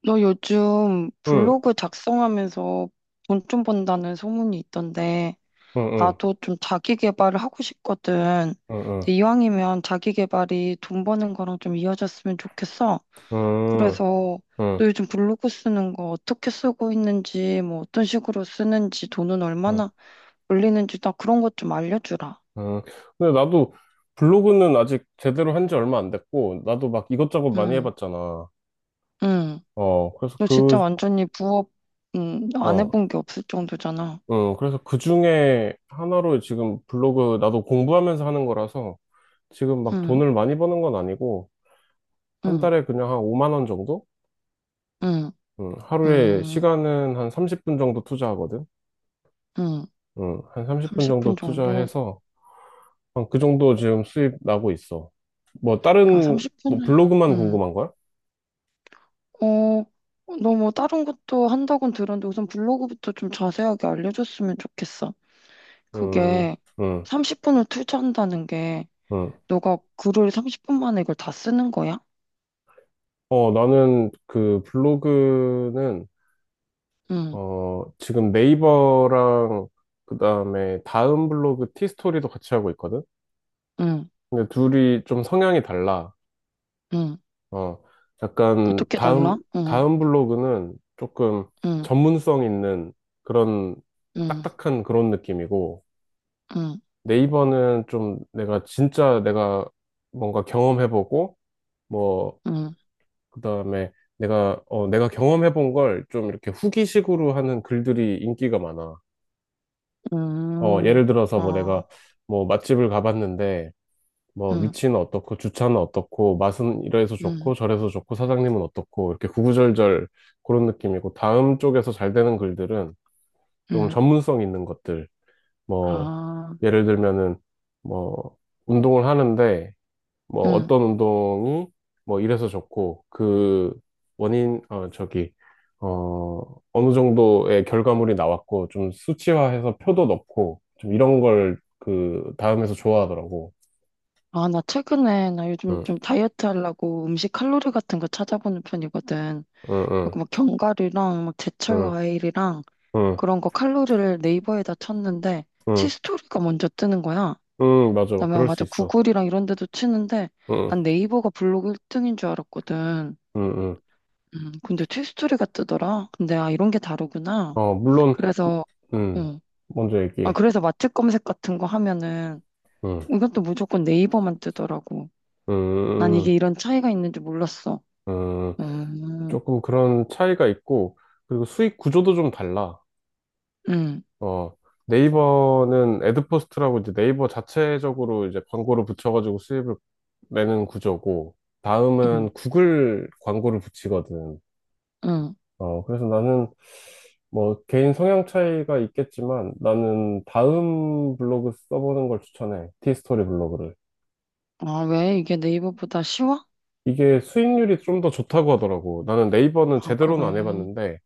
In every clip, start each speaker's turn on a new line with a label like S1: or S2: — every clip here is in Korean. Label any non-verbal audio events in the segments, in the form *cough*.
S1: 너 요즘
S2: 응,
S1: 블로그 작성하면서 돈 좀 번다는 소문이 있던데,
S2: 응, 응,
S1: 나도 좀 자기 개발을 하고 싶거든.
S2: 응,
S1: 근데
S2: 응,
S1: 이왕이면 자기 개발이 돈 버는 거랑 좀 이어졌으면 좋겠어.
S2: 응, 응,
S1: 그래서 너
S2: 응.
S1: 요즘 블로그 쓰는 거 어떻게 쓰고 있는지, 뭐 어떤 식으로 쓰는지, 돈은
S2: 응,
S1: 얼마나 올리는지 나 그런 것 좀 알려주라.
S2: 응. 근데 나도 블로그는 아직 제대로 한 지 얼마 안 됐고, 나도 막 이것저것 많이
S1: 응,
S2: 해봤잖아.
S1: 응.
S2: 그래서
S1: 너 진짜
S2: 그,
S1: 완전히 부업, 응, 안
S2: 어,
S1: 해본 게 없을 정도잖아.
S2: 응, 그래서 그 중에 하나로 지금 블로그 나도 공부하면서 하는 거라서 지금 막
S1: 응,
S2: 돈을 많이 버는 건 아니고, 한
S1: 응,
S2: 달에 그냥 한 5만 원 정도?
S1: 응,
S2: 응, 하루에
S1: 응.
S2: 시간은 한 30분 정도 투자하거든.
S1: 응.
S2: 응, 한 30분
S1: 30분
S2: 정도
S1: 정도?
S2: 투자해서 한 그 정도 지금 수입 나고 있어. 뭐
S1: 야,
S2: 다른 뭐
S1: 30분은,
S2: 블로그만
S1: 음,
S2: 궁금한 거야?
S1: 어, 너뭐 다른 것도 한다고는 들었는데 우선 블로그부터 좀 자세하게 알려줬으면 좋겠어.
S2: 음,
S1: 그게
S2: 음,
S1: 30분을 투자한다는 게
S2: 음.
S1: 너가 글을 30분 만에 이걸 다 쓰는 거야?
S2: 나는 그 블로그는
S1: 응,
S2: 지금 네이버랑 그다음에 다음 블로그 티스토리도 같이 하고 있거든.
S1: 응,
S2: 근데 둘이 좀 성향이 달라.
S1: 응.
S2: 어, 약간
S1: 어떻게
S2: 다음
S1: 달라? 응,
S2: 다음 블로그는 조금
S1: 응,
S2: 전문성 있는 그런
S1: 응,
S2: 딱딱한 그런 느낌이고
S1: 응,
S2: 네이버는 좀 내가 뭔가 경험해보고 뭐
S1: 응,
S2: 그다음에 내가 경험해본 걸 좀 이렇게 후기식으로 하는 글들이 인기가 많아.
S1: 응.
S2: 예를 들어서 뭐
S1: 아,
S2: 내가 뭐 맛집을 가봤는데 뭐
S1: 응,
S2: 위치는 어떻고 주차는 어떻고 맛은 이래서
S1: 응,
S2: 좋고 저래서 좋고 사장님은 어떻고 이렇게 구구절절 그런 느낌이고 다음 쪽에서 잘 되는 글들은 좀
S1: 응.
S2: 전문성 있는 것들 뭐
S1: 아,
S2: 예를 들면은 뭐 운동을 하는데 뭐
S1: 응.
S2: 어떤 운동이 뭐 이래서 좋고 그 원인 어 저기 어 어느 정도의 결과물이 나왔고 좀 수치화해서 표도 넣고 좀 이런 걸 그 다음에서 좋아하더라고.
S1: 아, 나 최근에, 나 요즘
S2: 응,
S1: 좀 다이어트 하려고 음식 칼로리 같은 거 찾아보는 편이거든.
S2: 응, 응,
S1: 그리고 막 견과류랑 막 제철
S2: 응,
S1: 과일이랑
S2: 응,
S1: 그런 거 칼로리를 네이버에다 쳤는데
S2: 응, 응,
S1: 치스토리가 먼저 뜨는 거야.
S2: 응, 맞아.
S1: 그다음에 아,
S2: 그럴 수
S1: 맞아.
S2: 있어.
S1: 구글이랑 이런 데도 치는데
S2: 응,
S1: 난 네이버가 블로그 1등인 줄 알았거든.
S2: 응, 응. 응.
S1: 근데 치스토리가 뜨더라. 근데 아, 이런 게 다르구나.
S2: 물론
S1: 그래서,
S2: 응
S1: 응.
S2: 먼저
S1: 아,
S2: 얘기해.
S1: 그래서 맛집 검색 같은 거 하면은
S2: 응,
S1: 이것도 무조건 네이버만 뜨더라고.
S2: 응,
S1: 난 이게
S2: 응,
S1: 이런 차이가 있는지 몰랐어.
S2: 응. 응.
S1: 음,
S2: 조금 그런 차이가 있고 그리고 수익 구조도 좀 달라.
S1: 음,
S2: 어, 네이버는 애드포스트라고 이제 네이버 자체적으로 이제 광고를 붙여가지고 수입을 내는 구조고, 다음은
S1: 음,
S2: 구글 광고를 붙이거든.
S1: 음.
S2: 그래서 나는 뭐 개인 성향 차이가 있겠지만 나는 다음 블로그 써보는 걸 추천해. 티스토리 블로그를.
S1: 아, 왜? 이게 네이버보다 쉬워?
S2: 이게 수익률이 좀 더 좋다고 하더라고. 나는 네이버는
S1: 아, 그래.
S2: 제대로는 안 해봤는데,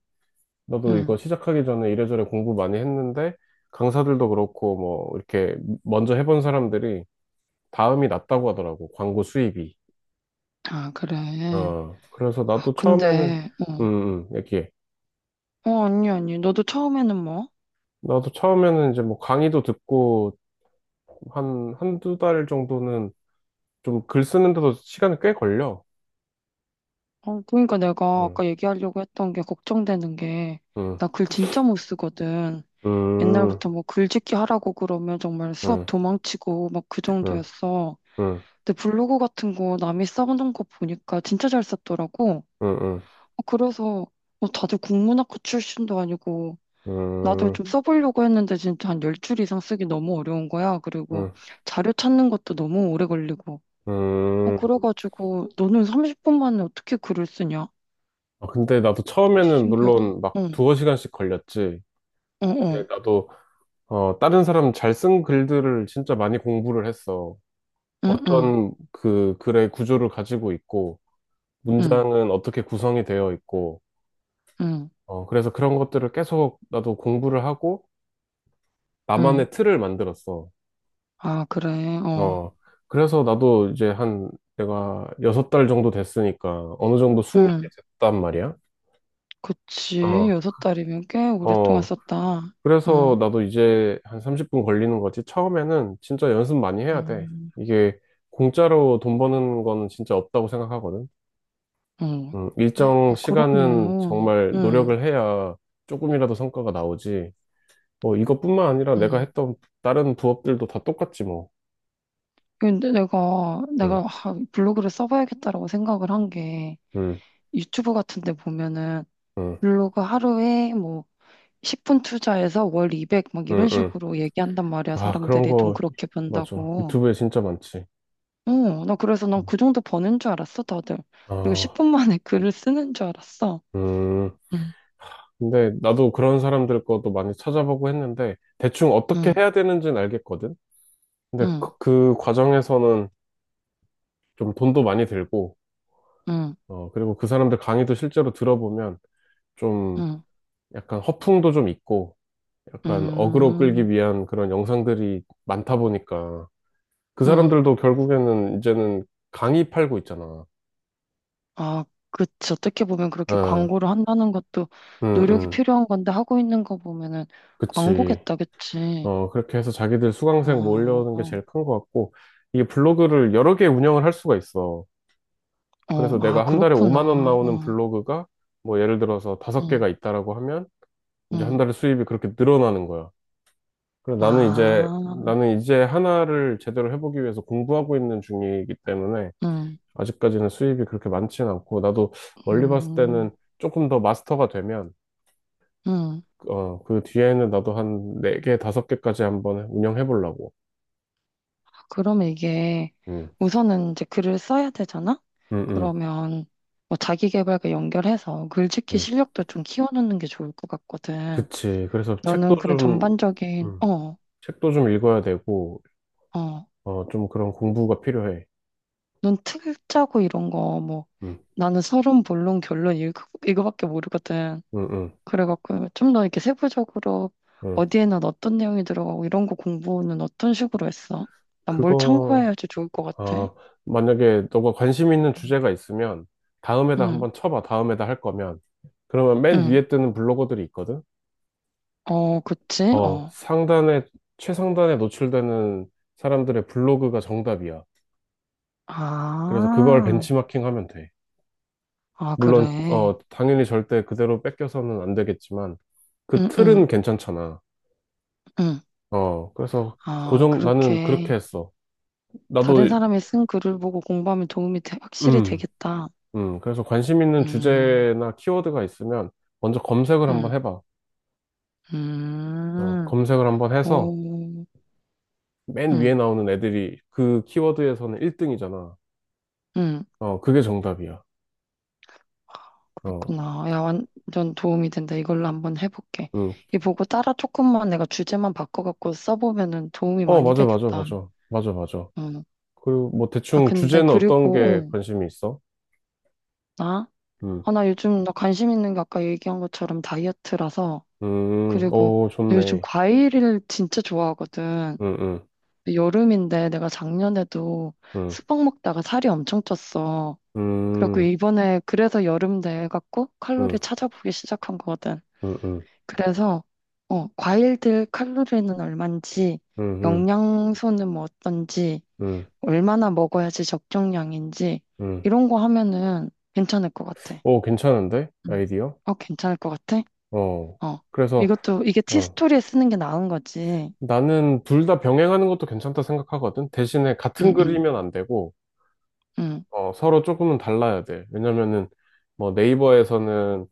S2: 나도 이거
S1: 음,
S2: 시작하기 전에 이래저래 공부 많이 했는데, 강사들도 그렇고, 뭐, 이렇게 먼저 해본 사람들이 다음이 낫다고 하더라고. 광고 수입이.
S1: 아, 그래.
S2: 그래서
S1: 아,
S2: 나도 처음에는,
S1: 근데,
S2: 음, 얘기해.
S1: 어, 어, 아니, 아니. 너도 처음에는 뭐?
S2: 나도 처음에는 이제 뭐 강의도 듣고 한두 달 정도는 좀 글 쓰는데도 시간이 꽤 걸려.
S1: 어, 그러니까 내가
S2: 응,
S1: 아까 얘기하려고 했던 게 걱정되는 게,
S2: 응,
S1: 나 글 진짜 못 쓰거든.
S2: 응,
S1: 옛날부터 뭐 글짓기 하라고 그러면 정말 수업
S2: 응,
S1: 도망치고 막 그
S2: 응,
S1: 정도였어.
S2: 응,
S1: 근데 블로그 같은 거 남이 써놓은 거 보니까 진짜 잘 썼더라고.
S2: 응,
S1: 어, 그래서, 뭐 다들 국문학과 출신도 아니고, 나도
S2: 응,
S1: 좀 써보려고 했는데 진짜 한 10줄 이상 쓰기 너무 어려운 거야. 그리고
S2: 응,
S1: 자료 찾는 것도 너무 오래 걸리고. 어,
S2: 응.
S1: 그래가지고 너는 30분 만에 어떻게 글을 쓰냐?
S2: 아, 근데 나도
S1: 진짜
S2: 처음에는
S1: 신기하다.
S2: 물론 막
S1: 응,
S2: 두어 시간씩 걸렸지.
S1: 어, 어,
S2: 근데 나도, 다른 사람 잘 쓴 글들을 진짜 많이 공부를 했어.
S1: 응, 응,
S2: 어떤 그 글의 구조를 가지고 있고,
S1: 응,
S2: 문장은 어떻게 구성이 되어 있고,
S1: 응,
S2: 그래서 그런 것들을 계속 나도 공부를 하고,
S1: 응.
S2: 나만의 틀을 만들었어.
S1: 아, 그래, 어,
S2: 어, 그래서 나도 이제 한, 내가 여섯 달 정도 됐으니까, 어느 정도 숙련이
S1: 응.
S2: 됐단 말이야.
S1: 그치.
S2: 어,
S1: 여섯 달이면 꽤 오랫동안
S2: 어,
S1: 썼다.
S2: 그래서
S1: 응,
S2: 나도 이제 한 30분 걸리는 거지. 처음에는 진짜 연습 많이 해야 돼.
S1: 응,
S2: 이게 공짜로 돈 버는 건 진짜 없다고 생각하거든.
S1: 응. 야,
S2: 일정 시간은
S1: 그러면,
S2: 정말
S1: 응,
S2: 노력을 해야 조금이라도 성과가 나오지. 뭐 이것뿐만 아니라 내가
S1: 응.
S2: 했던 다른 부업들도 다 똑같지 뭐.
S1: 근데 내가
S2: 응,
S1: 아, 블로그를 써봐야겠다라고 생각을 한 게,
S2: 응,
S1: 유튜브 같은 데 보면은
S2: 응,
S1: 블로그 하루에 뭐 10분 투자해서 월 200 막 이런
S2: 응, 응.
S1: 식으로 얘기한단 말이야.
S2: 아, 그런
S1: 사람들이 돈
S2: 거
S1: 그렇게
S2: 맞아.
S1: 번다고.
S2: 유튜브에 진짜 많지.
S1: 어, 나 그래서 난 그 정도 버는 줄 알았어, 다들. 그리고
S2: 어,
S1: 10분 만에 *laughs* 글을 쓰는 줄 알았어.
S2: 음.
S1: 응,
S2: 근데 나도 그런 사람들 것도 많이 찾아보고 했는데 대충 어떻게
S1: 응,
S2: 해야 되는지는 알겠거든. 근데
S1: 응,
S2: 그 과정에서는 좀 돈도 많이 들고,
S1: 응,
S2: 그리고 그 사람들 강의도 실제로 들어보면 좀
S1: 응,
S2: 약간 허풍도 좀 있고. 약간 어그로 끌기
S1: 응,
S2: 위한 그런 영상들이 많다 보니까 그
S1: 응.
S2: 사람들도 결국에는 이제는 강의 팔고 있잖아.
S1: 아, 그치. 어떻게 보면 그렇게
S2: 어,
S1: 광고를 한다는 것도
S2: 음,
S1: 노력이
S2: 음,
S1: 필요한 건데 하고 있는 거 보면은
S2: 그치.
S1: 광고겠다, 그치?
S2: 그렇게 해서 자기들 수강생
S1: 아,
S2: 모으려는 게
S1: 어,
S2: 제일 큰 것 같고, 이게 블로그를 여러 개 운영을 할 수가 있어.
S1: 어.
S2: 그래서
S1: 아,
S2: 내가 한 달에 5만 원
S1: 그렇구나.
S2: 나오는
S1: 어.
S2: 블로그가 뭐 예를 들어서 다섯
S1: 응,
S2: 개가 있다라고 하면 이제 한
S1: 응.
S2: 달에 수입이 그렇게 늘어나는 거야. 그래서 나는 이제,
S1: 아,
S2: 나는 이제 하나를 제대로 해보기 위해서 공부하고 있는 중이기 때문에
S1: 응,
S2: 아직까지는 수입이 그렇게 많지는 않고, 나도 멀리 봤을
S1: 음,
S2: 때는 조금 더 마스터가 되면,
S1: 응.
S2: 그 뒤에는 나도 한 4개, 5개까지 한번 운영해 보려고.
S1: 그러면 이게
S2: 음,
S1: 우선은 이제 글을 써야 되잖아?
S2: 음, 음,
S1: 그러면 뭐 자기계발과 연결해서 글짓기
S2: 음.
S1: 실력도 좀 키워놓는 게 좋을 것 같거든.
S2: 그치. 그래서
S1: 너는 그런 전반적인,
S2: 음,
S1: 어,
S2: 책도 좀 읽어야 되고,
S1: 어,
S2: 좀 그런 공부가 필요해.
S1: 넌틀 짜고 이런 거 뭐
S2: 음,
S1: 나는 서론, 본론, 결론 이거밖에 모르거든.
S2: 음, 음,
S1: 그래갖고 좀 더 이렇게 세부적으로
S2: 음.
S1: 어디에는 어떤 내용이 들어가고 이런 거 공부는 어떤 식으로 했어? 난 뭘
S2: 그거,
S1: 참고해야지 좋을 것 같아?
S2: 어, 만약에 너가 관심 있는
S1: 음.
S2: 주제가 있으면, 다음에다
S1: 응,
S2: 한번 쳐봐. 다음에다 할 거면. 그러면 맨
S1: 응.
S2: 위에 뜨는 블로거들이 있거든?
S1: 어, 그치?
S2: 어,
S1: 어.
S2: 상단에, 최상단에 노출되는 사람들의 블로그가 정답이야. 그래서 그걸
S1: 아,
S2: 벤치마킹 하면 돼.
S1: 아,
S2: 물론,
S1: 그래.
S2: 당연히 절대 그대로 뺏겨서는 안 되겠지만, 그
S1: 응,
S2: 틀은
S1: 응,
S2: 괜찮잖아.
S1: 응.
S2: 어, 그래서
S1: 아,
S2: 고정, 나는 그렇게
S1: 그렇게
S2: 했어.
S1: 다른
S2: 나도,
S1: 사람이 쓴 글을 보고 공부하면 도움이 돼- 확실히
S2: 음,
S1: 되겠다.
S2: 그래서 관심 있는
S1: 음,
S2: 주제나 키워드가 있으면, 먼저 검색을 한번
S1: 음,
S2: 해봐.
S1: 음.
S2: 검색을 한번 해서,
S1: 오,
S2: 맨 위에
S1: 응,
S2: 나오는 애들이 그 키워드에서는 1등이잖아.
S1: 응.
S2: 그게 정답이야. 어.
S1: 그렇구나. 야, 완전 도움이 된다. 이걸로 한번 해볼게.
S2: 음.
S1: 이 보고 따라 조금만 내가 주제만 바꿔갖고 써보면은 도움이 많이
S2: 맞아, 맞아,
S1: 되겠다.
S2: 맞아. 맞아, 맞아.
S1: 응.
S2: 그리고 뭐
S1: 아,
S2: 대충
S1: 근데
S2: 주제는 어떤 게
S1: 그리고, 어,
S2: 관심이 있어?
S1: 나?
S2: 음,
S1: 아, 나 요즘 나 관심 있는 게 아까 얘기한 것처럼 다이어트라서. 그리고
S2: 오,
S1: 나 요즘
S2: 좋네.
S1: 과일을 진짜 좋아하거든.
S2: 음, 음,
S1: 근데 여름인데 내가 작년에도
S2: 음,
S1: 수박 먹다가 살이 엄청 쪘어. 그래갖고
S2: 음,
S1: 이번에 그래서 여름 돼 갖고 칼로리
S2: 음,
S1: 찾아보기 시작한 거거든.
S2: 음, 음,
S1: 그래서 어, 과일들 칼로리는 얼만지,
S2: 음, 음,
S1: 영양소는 뭐 어떤지,
S2: 음,
S1: 얼마나 먹어야지 적정량인지
S2: 음.
S1: 이런 거 하면은 괜찮을 것 같아.
S2: 오, 괜찮은데?
S1: 응.
S2: 아이디어?
S1: 어, 괜찮을 것 같아?
S2: 어.
S1: 어.
S2: 그래서,
S1: 이것도 이게
S2: 어.
S1: 티스토리에 쓰는 게 나은 거지.
S2: 나는 둘 다 병행하는 것도 괜찮다 생각하거든. 대신에
S1: 응,
S2: 같은
S1: 응,
S2: 글이면 안 되고,
S1: 응,
S2: 서로 조금은 달라야 돼. 왜냐면은, 뭐 네이버에서는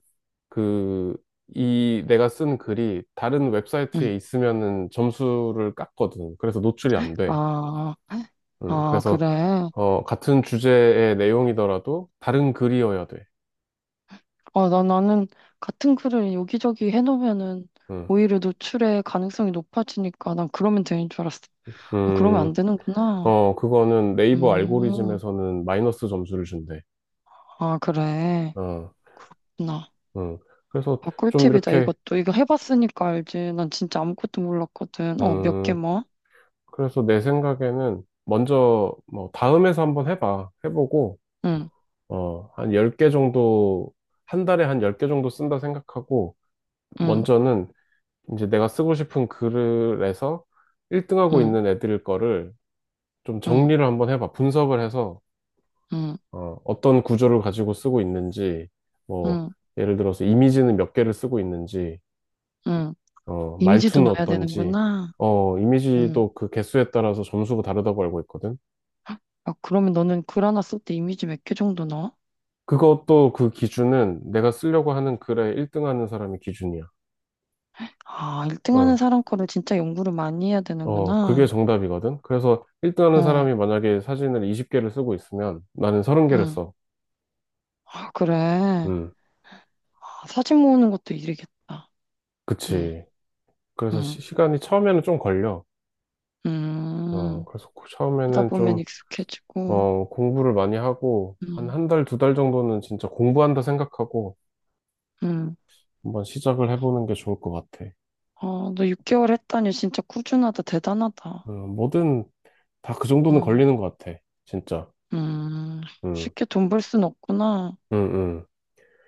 S2: 그, 이 내가 쓴 글이 다른
S1: 응.
S2: 웹사이트에 있으면은 점수를 깎거든. 그래서 노출이 안 돼.
S1: 아,
S2: 음,
S1: 아,
S2: 그래서,
S1: 그래.
S2: 같은 주제의 내용이더라도 다른 글이어야 돼.
S1: 어, 나 나는 같은 글을 여기저기 해놓으면은
S2: 음,
S1: 오히려 노출의 가능성이 높아지니까 난 그러면 되는 줄 알았어. 어, 그러면
S2: 음,
S1: 안 되는구나.
S2: 그거는 네이버
S1: 음,
S2: 알고리즘에서는 마이너스 점수를 준대.
S1: 아, 그래.
S2: 어,
S1: 그렇구나.
S2: 음. 그래서
S1: 아,
S2: 좀
S1: 꿀팁이다,
S2: 이렇게,
S1: 이것도. 이거 해봤으니까 알지. 난 진짜 아무것도 몰랐거든. 어, 몇 개
S2: 음,
S1: 뭐?
S2: 그래서 내 생각에는 먼저 뭐 다음에서 한번 해봐. 해보고,
S1: 응,
S2: 한 10개 정도, 한 달에 한 10개 정도 쓴다 생각하고,
S1: 응,
S2: 먼저는 이제 내가 쓰고 싶은 글에서 1등하고
S1: 응,
S2: 있는 애들 거를 좀
S1: 응,
S2: 정리를 한번 해봐. 분석을 해서
S1: 응,
S2: 어떤 구조를 가지고 쓰고 있는지, 뭐
S1: 응,
S2: 예를 들어서 이미지는 몇 개를 쓰고 있는지,
S1: 응. 이미지도
S2: 말투는
S1: 넣어야
S2: 어떤지,
S1: 되는구나. 응.
S2: 이미지도 그 개수에 따라서 점수가 다르다고 알고 있거든.
S1: 아, 그러면 너는 글 하나 쓸 때 이미지 몇 개 정도 넣어?
S2: 그것도 그 기준은 내가 쓰려고 하는 글에 1등하는 사람이 기준이야.
S1: 아, 1등 하는
S2: 어.
S1: 사람 거를 진짜 연구를 많이 해야
S2: 그게
S1: 되는구나.
S2: 정답이거든. 그래서 1등 하는
S1: 어,
S2: 사람이 만약에 사진을 20개를 쓰고 있으면 나는 30개를
S1: 응.
S2: 써.
S1: 아, 그래.
S2: 음,
S1: 아, 사진 모으는 것도 일이겠다. 응,
S2: 그치. 그래서
S1: 응,
S2: 간이 처음에는 좀 걸려.
S1: 음. 하다
S2: 처음에는
S1: 보면
S2: 좀,
S1: 익숙해지고.
S2: 공부를 많이 하고, 한
S1: 음.
S2: 한 달, 두 달 정도는 진짜 공부한다 생각하고
S1: 응
S2: 한번 시작을 해보는 게 좋을 것 같아.
S1: 아, 너 6개월 했다니 진짜 꾸준하다, 대단하다.
S2: 뭐든 다 그 정도는
S1: 응
S2: 걸리는 것 같아. 진짜.
S1: 음.
S2: 음,
S1: 쉽게 돈 벌 순 없구나.
S2: 음, 음,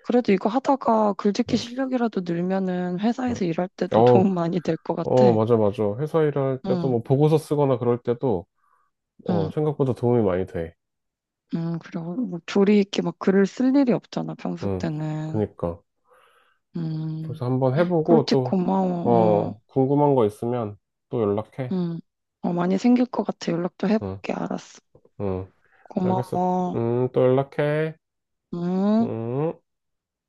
S1: 그래도 이거 하다가 글짓기
S2: 음,
S1: 실력이라도 늘면은
S2: 음.
S1: 회사에서 일할 때도
S2: 어,
S1: 도움 많이 될 것 같아.
S2: 맞아, 맞아. 회사 일할 때도
S1: 응,
S2: 뭐 보고서 쓰거나 그럴 때도
S1: 응,
S2: 생각보다 도움이 많이 돼.
S1: 응. 그리고 뭐 조리 있게 막 글을 쓸 일이 없잖아, 평소
S2: 응,
S1: 때는.
S2: 그니까.
S1: 음.
S2: 그래서 한번 해보고
S1: 꿀팁
S2: 또,
S1: 고마워. 어,
S2: 궁금한 거 있으면 또 연락해.
S1: 응. 어, 많이 생길 것 같아. 연락 도
S2: 응,
S1: 해볼게. 알았어.
S2: 응, 알겠어.
S1: 고마워.
S2: 또 연락해.
S1: 응
S2: 음.